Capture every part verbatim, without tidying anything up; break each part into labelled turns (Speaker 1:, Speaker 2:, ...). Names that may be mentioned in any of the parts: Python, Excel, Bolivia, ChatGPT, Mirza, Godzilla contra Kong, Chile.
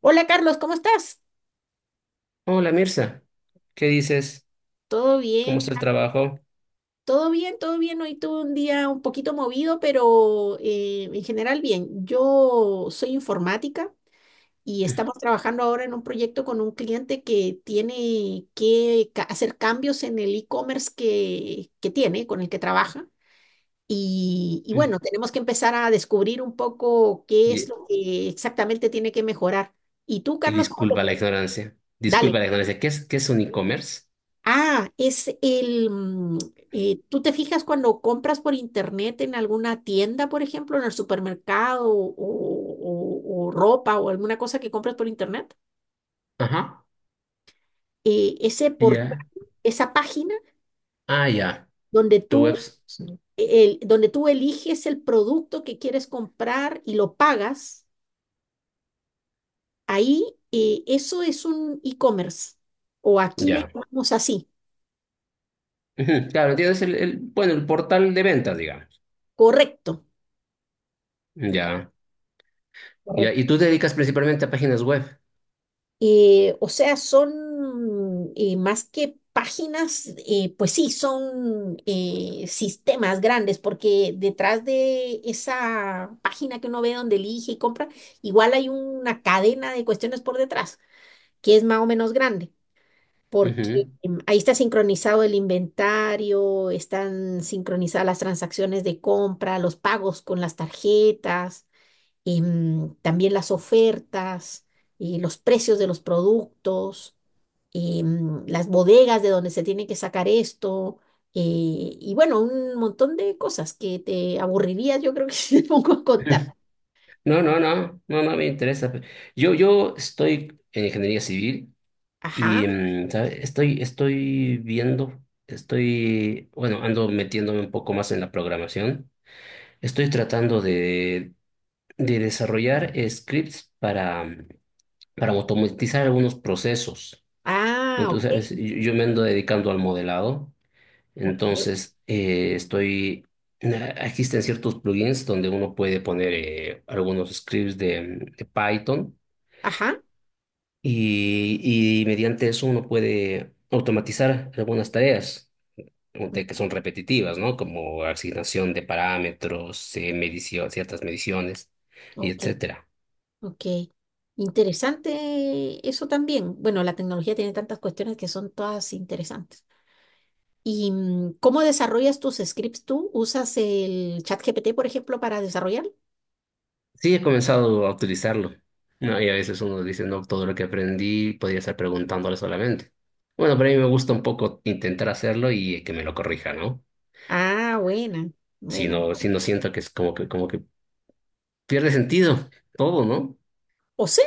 Speaker 1: Hola Carlos, ¿cómo estás?
Speaker 2: Hola Mirza, ¿qué dices?
Speaker 1: ¿Todo
Speaker 2: ¿Cómo
Speaker 1: bien?
Speaker 2: está el trabajo?
Speaker 1: Todo bien, todo bien. Hoy tuve un día un poquito movido, pero eh, en general bien. Yo soy informática y estamos trabajando ahora en un proyecto con un cliente que tiene que ca- hacer cambios en el e-commerce que, que tiene, con el que trabaja. Y, y
Speaker 2: Mm.
Speaker 1: bueno, tenemos que empezar a descubrir un poco qué es
Speaker 2: Y,
Speaker 1: lo que exactamente tiene que mejorar. ¿Y tú,
Speaker 2: y
Speaker 1: Carlos, cómo te
Speaker 2: disculpa la
Speaker 1: fue?
Speaker 2: ignorancia. Disculpa
Speaker 1: Dale.
Speaker 2: la ignorancia. ¿Qué es, qué es un e-commerce?
Speaker 1: Ah, es el, mm, eh, ¿tú te fijas cuando compras por internet en alguna tienda, por ejemplo, en el supermercado o, o- o ropa o alguna cosa que compras por internet?
Speaker 2: Ajá.
Speaker 1: Eh, ese portal,
Speaker 2: Ya.
Speaker 1: esa página
Speaker 2: Ah, ya.
Speaker 1: donde
Speaker 2: Tu web.
Speaker 1: tú, el, donde tú eliges el producto que quieres comprar y lo pagas, ahí eh, eso es un e-commerce. O aquí le
Speaker 2: Ya.
Speaker 1: llamamos así.
Speaker 2: Ujú, claro, entiendo, el, el- bueno, el portal de ventas, digamos.
Speaker 1: Correcto.
Speaker 2: Ya. Ya.
Speaker 1: Correcto.
Speaker 2: Y tú te dedicas principalmente a páginas web.
Speaker 1: Eh, o sea, son eh, más que páginas, eh, pues sí, son eh, sistemas grandes, porque detrás de esa página que uno ve donde elige y compra, igual hay una cadena de cuestiones por detrás, que es más o menos grande, porque
Speaker 2: Ujú.
Speaker 1: em, ahí está sincronizado el inventario, están sincronizadas las transacciones de compra, los pagos con las tarjetas, em, también las ofertas, eh, los precios de los productos, em, las bodegas de donde se tiene que sacar esto, eh, y bueno, un montón de cosas que te aburriría, yo creo que si te pongo a contar.
Speaker 2: No, no, no. No, no me interesa. Yo, yo estoy en ingeniería civil.
Speaker 1: Ajá,
Speaker 2: Y mm, ¿sabe? Estoy, estoy viendo, estoy, bueno, ando metiéndome un poco más en la programación. Estoy tratando de, de desarrollar eh, scripts para, mm, para automatizar algunos procesos.
Speaker 1: ah, ok,
Speaker 2: Entonces, yo, yo me ando dedicando al modelado.
Speaker 1: ok,
Speaker 2: Entonces, eh, estoy, na- existen ciertos plugins donde uno puede poner eh, algunos scripts de de Python
Speaker 1: ajá,
Speaker 2: y, y mediante eso uno puede automatizar algunas tareas. De que
Speaker 1: mm,
Speaker 2: son repetitivas, ¿no? Como asignación de parámetros, eh, medición, ciertas mediciones, y
Speaker 1: ok,
Speaker 2: etcétera.
Speaker 1: ok. Interesante eso también. Bueno, la tecnología tiene tantas cuestiones que son todas interesantes. ¿Y mm, cómo desarrollas tus scripts tú? ¿Usas el ChatGPT, por ejemplo, para desarrollar?
Speaker 2: Sí, he comenzado a utilizarlo, ¿no? Y a veces uno dice, no, todo lo que aprendí podría estar preguntándole solamente. Bueno, pero a mí me gusta un poco intentar hacerlo y que me lo corrija, ¿no?
Speaker 1: Ah, buena,
Speaker 2: Si
Speaker 1: buena.
Speaker 2: no, si no siento que es como que, como que pierde sentido todo, ¿no?
Speaker 1: O sea,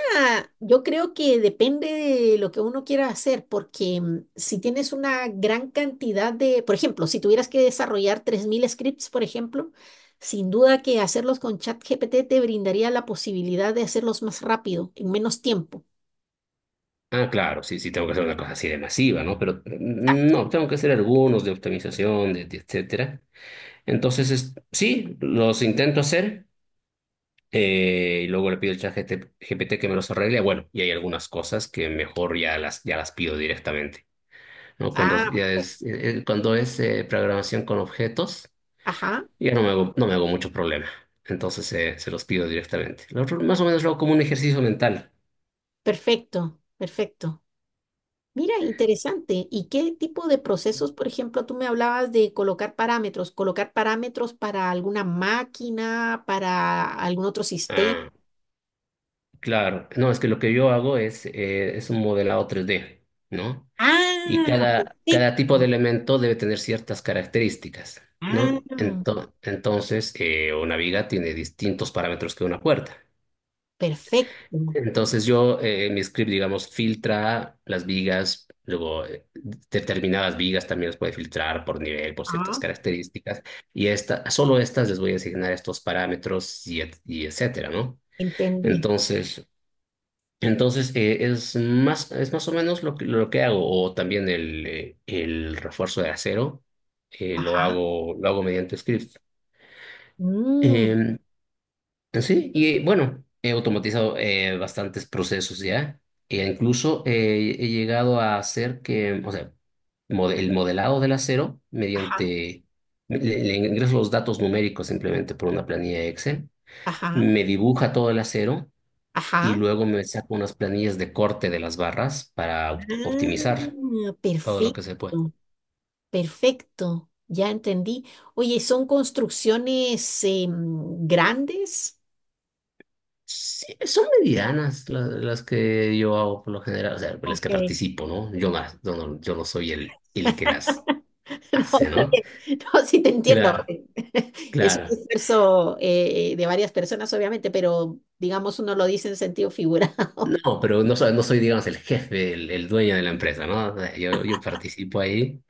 Speaker 1: yo creo que depende de lo que uno quiera hacer, porque mm, si tienes una gran cantidad de, por ejemplo, si tuvieras que desarrollar tres mil scripts, por ejemplo, sin duda que hacerlos con ChatGPT te brindaría la posibilidad de hacerlos más rápido, en menos tiempo.
Speaker 2: Ah, claro, sí, sí, tengo que hacer una cosa así de masiva, ¿no? Pero mm, no, tengo que hacer algunos de optimización, de, de etcétera. Entonces, es- sí, los intento hacer eh, y luego le pido al chat G P T que me los arregle. Bueno, y hay algunas cosas que mejor ya las, ya las pido directamente, ¿no? Cuando
Speaker 1: Ah,
Speaker 2: ya es, eh, eh, cuando es eh, programación con objetos,
Speaker 1: ajá,
Speaker 2: ya no me hago, no me hago mucho problema. Entonces, eh, se los pido directamente. Lo otro, más o menos lo hago como un ejercicio mental.
Speaker 1: perfecto, perfecto. Mira, interesante. ¿Y qué tipo de procesos, por ejemplo, tú me hablabas de colocar parámetros, colocar parámetros para alguna máquina, para algún otro sistema?
Speaker 2: Ah, claro. No, es que lo que yo hago es, eh, es un modelado tres D, ¿no? Y
Speaker 1: Ah,
Speaker 2: cada, cada tipo de
Speaker 1: perfecto.
Speaker 2: elemento debe tener ciertas características,
Speaker 1: Ah,
Speaker 2: ¿no? Ento- entonces, eh, una viga tiene distintos parámetros que una puerta.
Speaker 1: perfecto.
Speaker 2: Entonces, yo eh, mi script, digamos, filtra las vigas, luego eh, determinadas vigas también las puede filtrar por nivel, por ciertas
Speaker 1: Ah,
Speaker 2: características, y esta, solo estas les voy a asignar estos parámetros y, et- y etcétera, ¿no?
Speaker 1: entendí.
Speaker 2: Entonces, entonces, eh, es más, es más o menos lo que, lo que hago, o también el, eh, el refuerzo de acero, eh, lo
Speaker 1: Ajá.
Speaker 2: hago, lo hago mediante script.
Speaker 1: Mm,
Speaker 2: Eh, sí, y eh, bueno, he automatizado eh, bastantes procesos ya, e incluso eh, he llegado a hacer que, o sea, mode- el modelado del acero,
Speaker 1: ajá,
Speaker 2: mediante, le, le ingreso los datos numéricos simplemente por una planilla Excel,
Speaker 1: ajá,
Speaker 2: me dibuja todo el acero y
Speaker 1: ajá.
Speaker 2: luego me saco unas planillas de corte de las barras para op- optimizar
Speaker 1: Ah,
Speaker 2: todo lo que se puede.
Speaker 1: perfecto, perfecto. Ya entendí. Oye, ¿son construcciones em, grandes?
Speaker 2: Sí, son medianas la- las, que yo hago por lo general, o sea, pues, las
Speaker 1: Ok.
Speaker 2: que participo, ¿no? Yo, más, yo, no, yo no soy el, el que las
Speaker 1: No,
Speaker 2: hace,
Speaker 1: está
Speaker 2: ¿no?
Speaker 1: bien. No, sí te entiendo.
Speaker 2: Claro,
Speaker 1: Es un
Speaker 2: claro.
Speaker 1: esfuerzo eh, de varias personas, obviamente, pero digamos uno lo dice en sentido figurado.
Speaker 2: No, pero no soy, no soy, digamos, el jefe, el, el dueño de la empresa, ¿no? O sea, Yo, yo participo ahí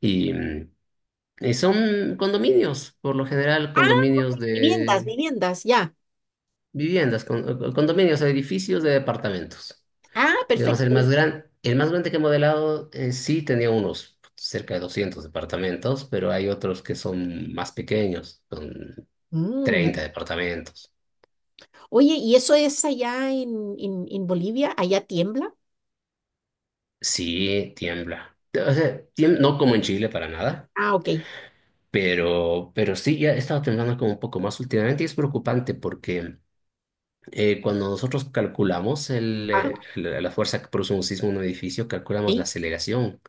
Speaker 2: y, mm, y son condominios, por lo general,
Speaker 1: Ah,
Speaker 2: condominios
Speaker 1: viviendas,
Speaker 2: de
Speaker 1: viviendas, ya.
Speaker 2: viviendas, con- eh, condominios, edificios de departamentos.
Speaker 1: Ah,
Speaker 2: Digamos, el
Speaker 1: perfecto.
Speaker 2: más gran, el más grande que he modelado en sí tenía unos cerca de doscientos departamentos, pero hay otros que son más pequeños, son
Speaker 1: Mm.
Speaker 2: treinta departamentos.
Speaker 1: Oye, ¿y eso es allá en, en, en Bolivia? ¿Allá tiembla?
Speaker 2: Sí, tiembla. O sea, tiemb- no como en Chile para nada,
Speaker 1: Ah, ok.
Speaker 2: pero, pero sí, ya he estado temblando como un poco más últimamente y es preocupante porque eh, cuando nosotros calculamos el,
Speaker 1: Ah,
Speaker 2: eh, la la fuerza que produce un sismo en un edificio, calculamos la
Speaker 1: sí,
Speaker 2: aceleración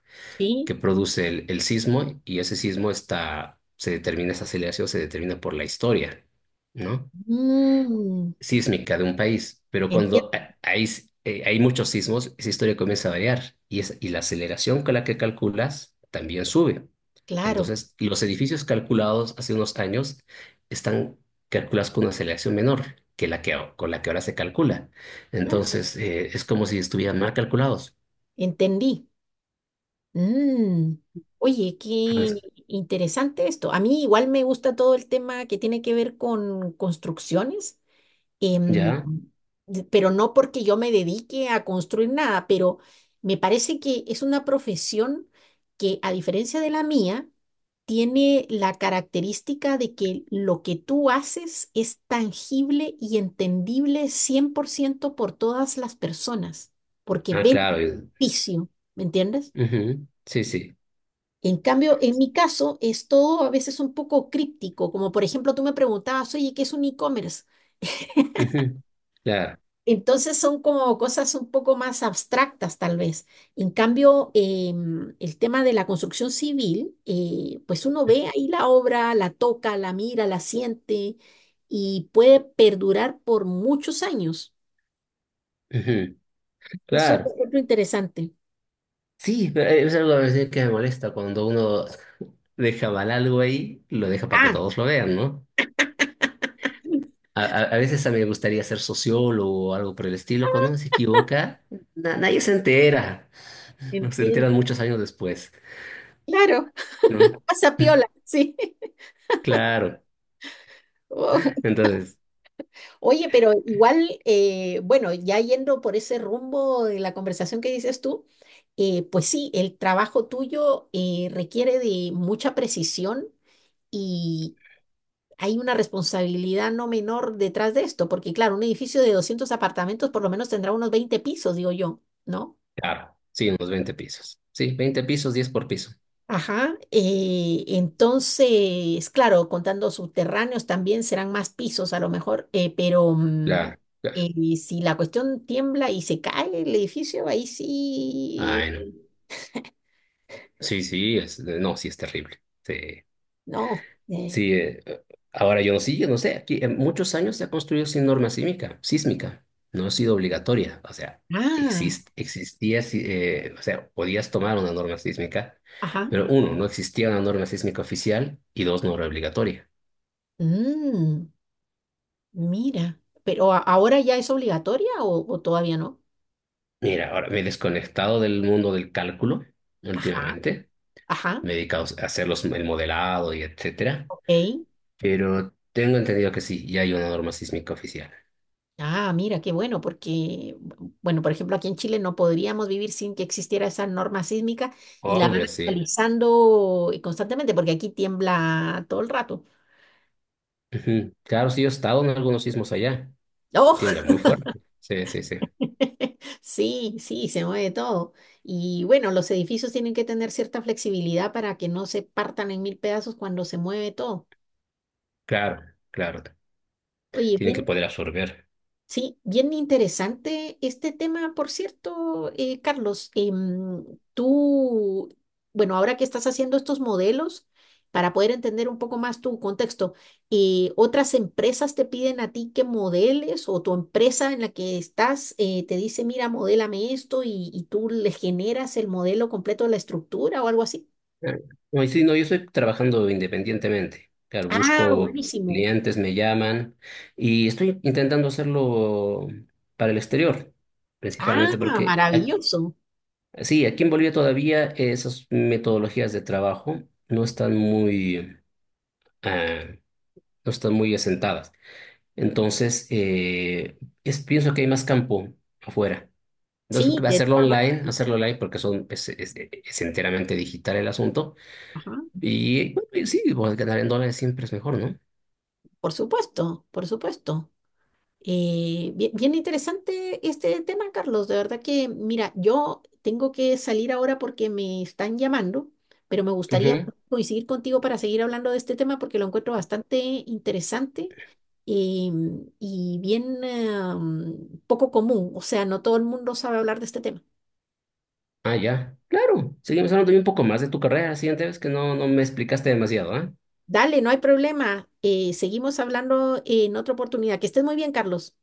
Speaker 2: que
Speaker 1: sí.
Speaker 2: produce el, el sismo. Y ese sismo está, se determina, esa aceleración se determina por la historia, ¿no?
Speaker 1: Mm,
Speaker 2: Sísmica de un país, pero cuando
Speaker 1: entiendo,
Speaker 2: ha- hay, s- eh, hay muchos sismos, esa historia comienza a variar y, es, y la aceleración con la que calculas también sube.
Speaker 1: claro.
Speaker 2: Entonces, los edificios calculados hace unos años están calculados con una aceleración menor que la que, a- con la que ahora se calcula.
Speaker 1: Ah,
Speaker 2: Entonces, eh, es como si estuvieran mal calculados.
Speaker 1: entendí. Mm. Oye,
Speaker 2: Ah,
Speaker 1: qué interesante esto. A mí igual me gusta todo el tema que tiene que ver con construcciones, em,
Speaker 2: ¿ya?
Speaker 1: de- pero no porque yo me dedique a construir nada, pero me parece que es una profesión que, a diferencia de la mía, tiene la característica de que lo que tú haces es tangible y entendible cien por ciento por ciento por todas las personas, porque
Speaker 2: Ah,
Speaker 1: ven el
Speaker 2: claro.
Speaker 1: beneficio, ¿me entiendes?
Speaker 2: Ujú, sí, sí.
Speaker 1: En cambio, en mi caso, es todo a veces un poco críptico, como por ejemplo tú me preguntabas, oye, ¿qué es un e-commerce?
Speaker 2: Ujú, claro.
Speaker 1: Entonces son como cosas un poco más abstractas tal vez. En cambio, em, el tema de la construcción civil, eh, pues uno ve ahí la obra, la toca, la mira, la siente y puede perdurar por muchos años.
Speaker 2: Ujú,
Speaker 1: Eso lo
Speaker 2: claro.
Speaker 1: encuentro interesante.
Speaker 2: Sí, pero es algo a veces que me molesta cuando uno deja mal algo ahí, lo deja para que
Speaker 1: Ah,
Speaker 2: todos lo vean, ¿no? A, a- a veces a mí me gustaría ser sociólogo o algo por el estilo. Cuando uno se equivoca, na- nadie se entera. Se
Speaker 1: entiendo.
Speaker 2: enteran muchos años después,
Speaker 1: Claro,
Speaker 2: ¿no?
Speaker 1: pasa piola, sí.
Speaker 2: Claro.
Speaker 1: Oh.
Speaker 2: Entonces,
Speaker 1: Oye, pero igual, eh, bueno, ya yendo por ese rumbo de la conversación que dices tú, eh, pues sí, el trabajo tuyo eh, requiere de mucha precisión y hay una responsabilidad no menor detrás de esto, porque claro, un edificio de doscientos apartamentos por lo menos tendrá unos veinte pisos, digo yo, ¿no?
Speaker 2: claro, sí, unos veinte pisos. Sí, veinte pisos, diez por piso.
Speaker 1: Ajá, eh, entonces, claro, contando subterráneos también serán más pisos a lo mejor, eh, pero mm,
Speaker 2: Claro, claro.
Speaker 1: eh, si la cuestión tiembla y se cae el edificio, ahí sí,
Speaker 2: Ay, no.
Speaker 1: eh,
Speaker 2: Sí, sí, es, no, sí es terrible. Sí.
Speaker 1: no. Eh,
Speaker 2: Sí, eh, ahora yo no sé, yo no sé, aquí en muchos años se ha construido sin norma sísmica, sísmica, no ha sido obligatoria, o sea,
Speaker 1: ah,
Speaker 2: exist, existía, sí, eh, o sea, podías tomar una norma sísmica,
Speaker 1: ajá,
Speaker 2: pero uno, no existía una norma sísmica oficial y dos, no era obligatoria.
Speaker 1: mm, mira, pero a- ahora ya es obligatoria o, o todavía no?
Speaker 2: Mira, ahora me he desconectado del mundo del cálculo
Speaker 1: Ajá,
Speaker 2: últimamente,
Speaker 1: ajá,
Speaker 2: me he dedicado a hacer los, el modelado y etcétera,
Speaker 1: ok,
Speaker 2: pero tengo entendido que sí, ya hay una norma sísmica oficial.
Speaker 1: ah, mira, qué bueno, porque, bueno, por ejemplo, aquí en Chile no podríamos vivir sin que existiera esa norma sísmica y la van
Speaker 2: Hombre, sí.
Speaker 1: actualizando eh, constantemente, porque aquí tiembla todo el rato.
Speaker 2: Ujú. Claro, sí, yo he estado en algunos sismos allá.
Speaker 1: ¡Oh!
Speaker 2: Tiembla muy fuerte. Sí, sí, sí.
Speaker 1: Sí, sí, se mueve todo. Y bueno, los edificios tienen que tener cierta flexibilidad para que no se partan en mil pedazos cuando se mueve todo.
Speaker 2: Claro, claro.
Speaker 1: Oye,
Speaker 2: Tienen que
Speaker 1: bien.
Speaker 2: poder absorber.
Speaker 1: Sí, bien interesante este tema, por cierto, eh, Carlos. Em, tú, bueno, ahora que estás haciendo estos modelos, para poder entender un poco más tu contexto, eh, ¿otras empresas te piden a ti que modeles o tu empresa en la que estás eh, te dice, mira, modélame esto y, y tú le generas el modelo completo de la estructura o algo así?
Speaker 2: Ah, no, y sí, no, yo estoy trabajando independientemente. Claro,
Speaker 1: Ah,
Speaker 2: busco
Speaker 1: buenísimo.
Speaker 2: clientes, me llaman y estoy intentando hacerlo para el exterior, principalmente
Speaker 1: Ah,
Speaker 2: porque ac-
Speaker 1: maravilloso.
Speaker 2: sí, aquí en Bolivia todavía esas metodologías de trabajo no están muy, ah, no están muy asentadas. Entonces, eh, es- pienso que hay más campo afuera. Entonces,
Speaker 1: Sí, de
Speaker 2: hacerlo
Speaker 1: todas maneras.
Speaker 2: online, hacerlo online porque son, es, es- es enteramente digital el asunto.
Speaker 1: Ajá,
Speaker 2: Y bueno, y sí, bueno, ganar en dólares siempre es mejor, ¿no?
Speaker 1: por supuesto, por supuesto. Eh, bien, bien interesante este tema, Carlos. De verdad que, mira, yo tengo que salir ahora porque me están llamando, pero me gustaría
Speaker 2: Ujú.
Speaker 1: coincidir contigo para seguir hablando de este tema porque lo encuentro bastante interesante eh, y bien eh, um, poco común. O sea, no todo el mundo sabe hablar de este tema.
Speaker 2: Ah, ya. Claro. Seguimos hablando de un poco más de tu carrera la siguiente vez que no, no me explicaste demasiado, ¿eh?
Speaker 1: Dale, no hay problema. Eh, seguimos hablando en otra oportunidad. Que estés muy bien, Carlos.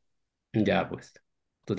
Speaker 2: Ya, pues. Tú